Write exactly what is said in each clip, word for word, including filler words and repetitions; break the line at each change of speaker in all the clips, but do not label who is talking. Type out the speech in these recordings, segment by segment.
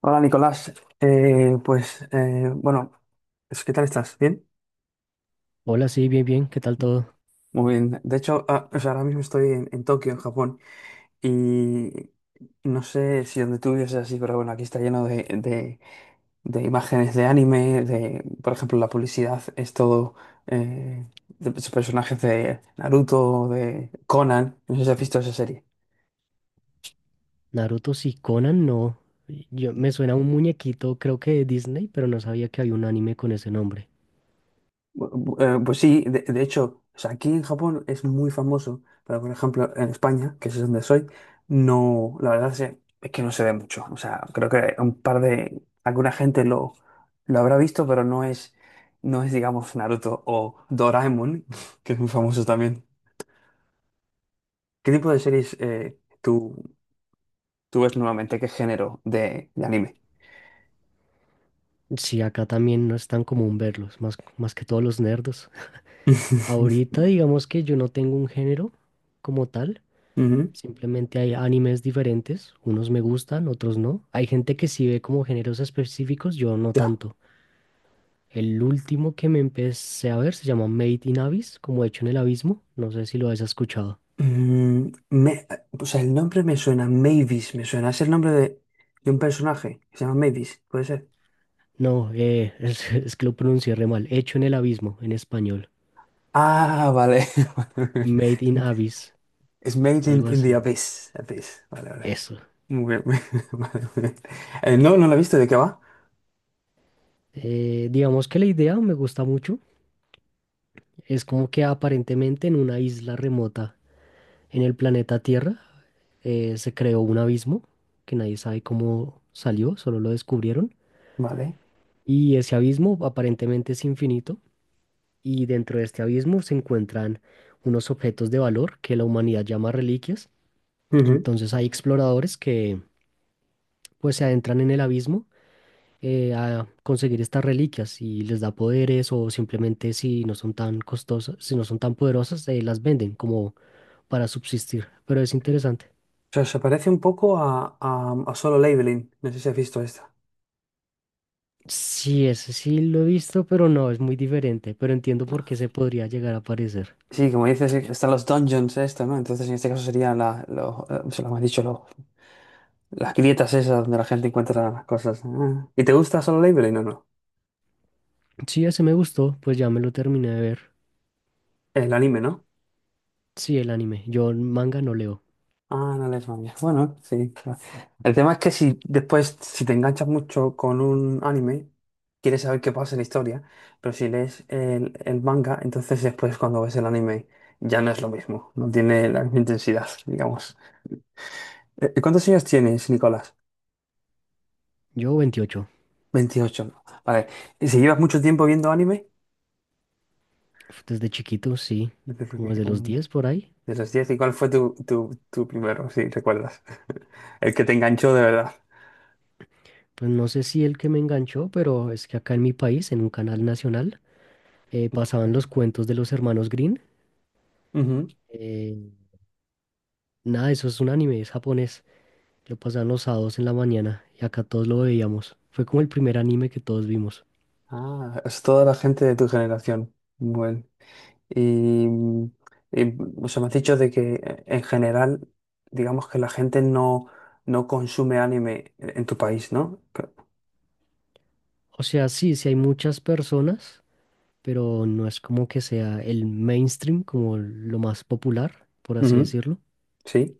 Hola Nicolás. Eh, pues eh, bueno, es- ¿qué tal estás? ¿Bien?
Hola, sí, bien, bien, ¿qué tal todo?
Muy bien. De hecho, ah, o sea, ahora mismo estoy en, en Tokio, en Japón, y no sé si donde tú vives es así, pero bueno, aquí está lleno de, de- de imágenes de anime, de, por ejemplo, la publicidad es todo eh, de personajes de Naruto, de Conan. No sé si has visto esa serie.
Naruto, sí. Conan, no. Yo, me suena a un muñequito, creo que de Disney, pero no sabía que había un anime con ese nombre.
Bu- eh, Pues sí, de, de hecho, o sea, aquí en Japón es muy famoso, pero por ejemplo en España, que es donde soy, no, la verdad es, es que no se ve mucho. O sea, creo que un par de, alguna gente lo, lo habrá visto, pero no es, no es, digamos, Naruto o Doraemon, que es muy famoso también. ¿Qué tipo de series eh, tú, tú ves normalmente? ¿Qué género de, de anime?
Sí, acá también no es tan común verlos, más, más que todos los nerdos. Ahorita digamos que yo no tengo un género como tal,
Ujú.
simplemente hay animes diferentes, unos me gustan, otros no. Hay gente que sí ve como géneros específicos, yo no
Ya.
tanto. El último que me empecé a ver se llama Made in Abyss, como hecho en el abismo, no sé si lo has escuchado.
Mm, me- o sea, el nombre me suena, Mavis, me suena. Es el nombre de, de un personaje que se llama Mavis, puede ser.
No, eh, es, es que lo pronuncié re mal. Hecho en el abismo, en español.
Ah, vale.
Made in Abyss,
Es Made in,
algo
in the
así.
Abyss. Abyss. Vale, vale.
Eso.
Muy bien. Vale, muy bien. Eh, no, no lo he visto. ¿De qué va?
Eh, digamos que la idea me gusta mucho. Es como que aparentemente en una isla remota en el planeta Tierra eh, se creó un abismo que nadie sabe cómo salió, solo lo descubrieron.
Vale.
Y ese abismo aparentemente es infinito. Y dentro de este abismo se encuentran unos objetos de valor que la humanidad llama reliquias.
Ujú.
Entonces hay exploradores que pues se adentran en el abismo, eh, a conseguir estas reliquias y les da poderes o simplemente si no son tan costosas, si no son tan poderosas, eh, las venden como para subsistir. Pero es interesante.
O sea, se parece un poco a, a, a Solo Leveling. No sé si has visto esta.
Sí, ese sí lo he visto, pero no, es muy diferente, pero entiendo por qué se podría llegar a parecer.
Sí, como dices, están los dungeons esto, ¿no? Entonces, en este caso serían la, lo, eh, se lo hemos dicho, las grietas esas donde la gente encuentra las cosas. Ah. ¿Y te gusta Solo Leveling o no?
Sí, ese me gustó, pues ya me lo terminé de ver.
El anime, ¿no?
Sí, el anime. Yo manga no leo.
Ah, no les manga. Bueno, sí, claro. El tema es que si después, si te enganchas mucho con un anime, quieres saber qué pasa en la historia, pero si lees el, el manga, entonces después cuando ves el anime ya no es lo mismo, no tiene la misma intensidad, digamos. Eh, ¿Cuántos años tienes, Nicolás?
Yo veintiocho.
veintiocho, ¿no? Vale. ¿Y si llevas mucho tiempo viendo anime?
Uf, desde chiquito, sí,
Yo creo
como
que
desde los
un.
diez por ahí.
De los diez, ¿y cuál fue tu, tu, tu primero, si recuerdas? El que te enganchó de verdad.
Pues no sé si el que me enganchó, pero es que acá en mi país, en un canal nacional, eh, pasaban
Joder.
los cuentos de los hermanos Green,
Ujú.
nada, eso es un anime, es japonés. Lo pasaban los sábados en la mañana y acá todos lo veíamos. Fue como el primer anime que todos vimos.
Ah, es toda la gente de tu generación. Bueno. Y, mm, y o sea, me has dicho de que eh, en general, digamos que la gente no, no consume anime en en tu país, ¿no?
O sea, sí, sí hay muchas personas, pero no es como que sea el mainstream, como lo más popular, por así
Ujú.
decirlo.
Sí.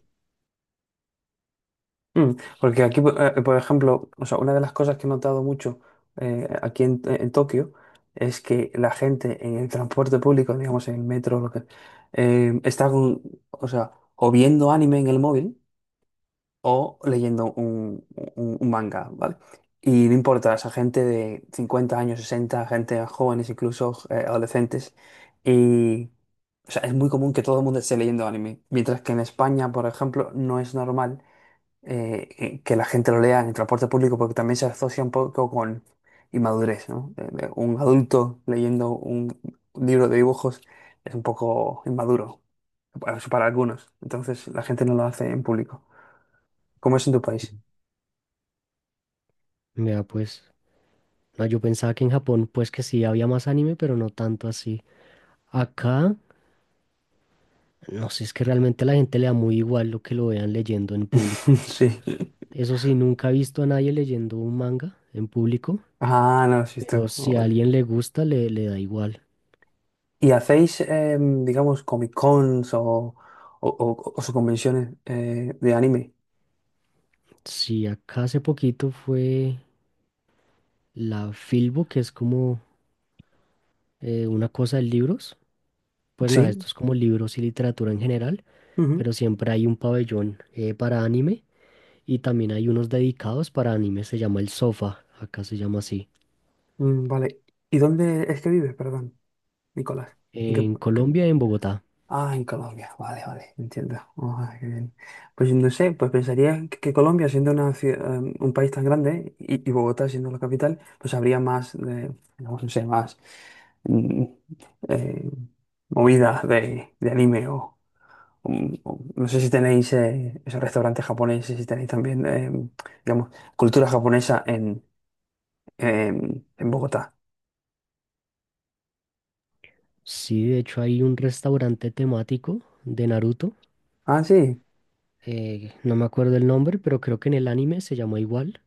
Mm, Porque aquí, po- eh, por ejemplo, o sea, una de las cosas que he notado mucho eh, aquí en, en Tokio es que la gente en el transporte público, digamos en el metro, lo que, eh, está con, o sea, o viendo anime en el móvil o leyendo un, un- un manga, ¿vale? Y no importa, esa gente de cincuenta años, sesenta, gente jóvenes, incluso eh, adolescentes. Y, o sea, es muy común que todo el mundo esté leyendo anime, mientras que en España, por ejemplo, no es normal eh, eh, que la gente lo lea en el transporte público porque también se asocia un poco con inmadurez, ¿no? De- de un adulto leyendo un libro de dibujos es un poco inmaduro, para, para algunos. Entonces la gente no lo hace en público. ¿Cómo es en tu país?
Mira, pues, no, yo pensaba que en Japón, pues que sí había más anime, pero no tanto así. Acá, no sé, es que realmente a la gente le da muy igual lo que lo vean leyendo en público.
Sí.
Eso sí, nunca he visto a nadie leyendo un manga en público,
Ah, no, sí,
pero
esto. Oh,
si a
vale.
alguien le gusta, le, le da igual.
¿Y hacéis, em, digamos, Comic Cons o, o, o- o sus convenciones eh, de anime?
Sí, acá hace poquito fue la Filbo, que es como eh, una cosa de libros. Pues
Sí.
nada, esto es como libros y literatura en general,
Ujú.
pero siempre hay un pabellón eh, para anime, y también hay unos dedicados para anime, se llama el Sofa, acá se llama así,
Mm, vale. ¿Y dónde es que vives, perdón, Nicolás? ¿En qué?
en Colombia, en Bogotá.
Ah, en Colombia, vale, vale, entiendo. Ah, qué bien. Pues no sé, pues pensaría que que Colombia, siendo una cie- eh, un país tan grande y, y Bogotá siendo la capital, pues habría más, de, digamos, no sé, más mm, eh, movidas de, de anime o, o- o- no sé si tenéis eh, esos restaurantes japoneses, si tenéis también, eh, digamos, cultura japonesa en, en, en Bogotá.
Sí, de hecho hay un restaurante temático de Naruto.
Ah, sí.
Eh, no me acuerdo el nombre, pero creo que en el anime se llamó igual,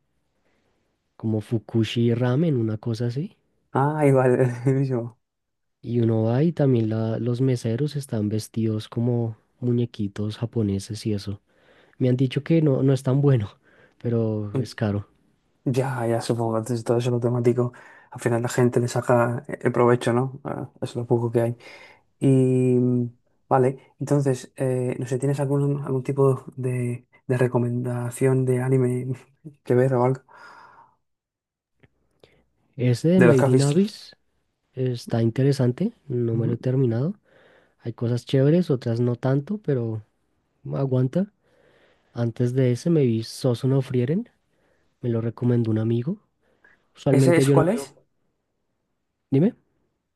como Fukushi Ramen, una cosa así.
Ah, igual, buenísimo.
Y uno va y también la- los meseros están vestidos como muñequitos japoneses y eso. Me han dicho que no, no es tan bueno, pero es caro.
Ya, ya supongo, entonces todo eso lo temático, al final la gente le saca el provecho, ¿no? Ah, es lo poco que hay. Y mm, vale, entonces, eh, no sé, ¿tienes algún, algún tipo de, de recomendación de anime que ver o algo?
Ese de
De los que
Made
has
in
visto.
Abyss está interesante, no me lo
Ujú.
he terminado. Hay cosas chéveres, otras no tanto, pero aguanta. Antes de ese me vi Sosu no Frieren. Me lo recomendó un amigo.
¿Ese,
Usualmente
ese
yo no
cuál
veo.
es?
Dime.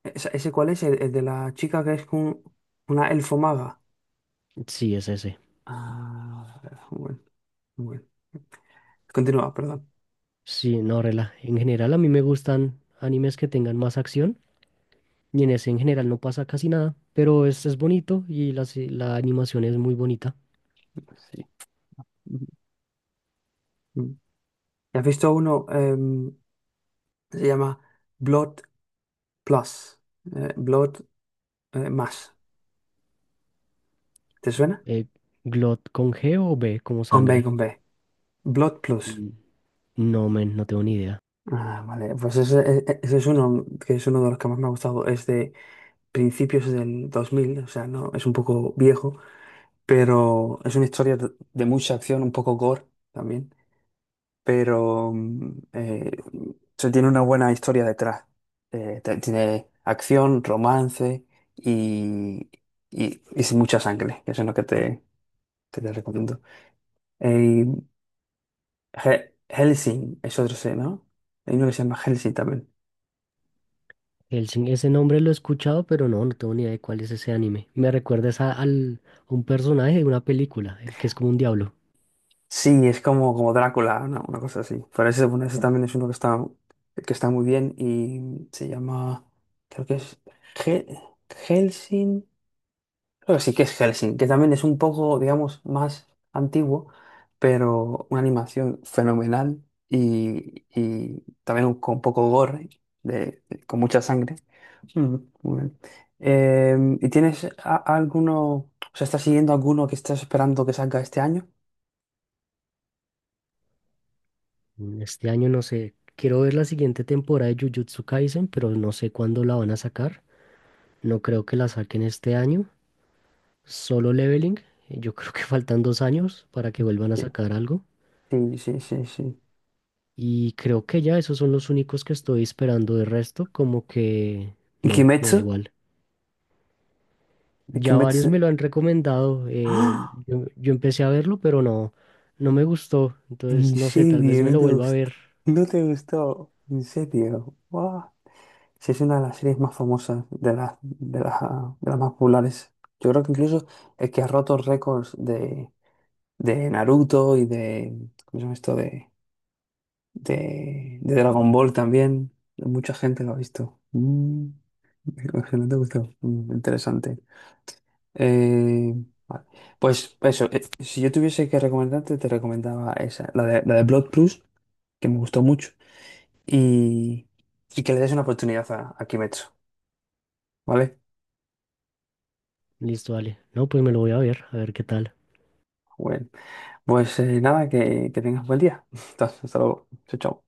¿Esa- ¿Ese, cuál es? El, el de la chica que es con una elfo maga.
Sí, es ese.
Ah, bueno, bueno. Continúa, perdón.
Sí, no, rela. En general a mí me gustan animes que tengan más acción, y en ese en general no pasa casi nada, pero es, es bonito y la, ci- la animación es muy bonita.
Sí. Ujú. Mm. ¿Y has visto uno? em, Se llama Blood Plus. eh, Blood eh, más. ¿Te suena?
Eh, ¿Glot con G o B como
Con B,
sangre?
con B. Blood Plus.
Mm. No, men, no tengo ni idea.
Ah, vale. Pues ese, e- e, ese es uno que es uno de los que más me ha gustado. Es de principios del dos mil, o sea, no, es un poco viejo, pero es una historia de de mucha acción, un poco gore también. Pero mm, eh, se tiene una buena historia detrás. Eh, te- tiene acción, romance y, y, y sin mucha sangre. Que Eso es lo que te, que te recomiendo. Eh, He- Helsing es otro C, ¿no? Hay uno que se llama Helsing también.
Hellsing, ese nombre lo he escuchado, pero no, no tengo ni idea de cuál es ese anime. Me recuerdas a, al, a un personaje de una película, el que es como un diablo.
Sí, es como, como Drácula, una Una cosa así. Pero ese, bueno, ese también es uno que está, que está muy bien y se llama, creo que es Hel- Helsing. Creo que sí que es Helsing, que también es un poco, digamos, más antiguo, pero una animación fenomenal y, y también un- con poco gore, de, de- con mucha sangre. Mm, muy bien. Em, ¿y tienes a- alguno, o sea, estás siguiendo alguno que estás esperando que salga este año?
Mm, este año no sé, quiero ver la siguiente temporada de Jujutsu Kaisen, pero no sé cuándo la van a sacar. No creo que la saquen este año. Solo Leveling, eh, yo creo que faltan dos años para que vuelvan a
Sí,
sacar algo.
sí, sí, sí, sí.
Y creo que ya esos son los únicos que estoy esperando. De resto, como que
¿Y
no, me da
Kimetsu?
igual.
¿Y
Ya varios me
Kimetsu?
lo han recomendado. eh,
¡Ah!
yo, yo empecé a verlo, pero no, no me gustó.
¿En
Entonces, no sé, tal vez
serio?
me
¿No
lo
te
vuelva a
gustó?
ver.
¿No te gustó? ¿En serio? ¡Guau! Sí, es una de las series más famosas, de las, de las, de las más populares. Yo creo que incluso el que ha roto récords de, de Naruto y de, ¿cómo se llama esto? De, de, de Dragon Ball también. Mucha gente lo ha visto. Mm, que no te gustó. Mm, interesante. Eh, vale. Pues eso, eh, si yo tuviese que recomendarte, te recomendaba esa, la de, la de Blood Plus, que me gustó mucho. Y, y que le des una oportunidad a, a Kimetsu, ¿vale?
Listo, vale. No, pues me lo voy a ver, a ver qué tal.
Bueno, pues eh, nada, que, que tengas buen día. Hasta hasta luego. Chao, chao.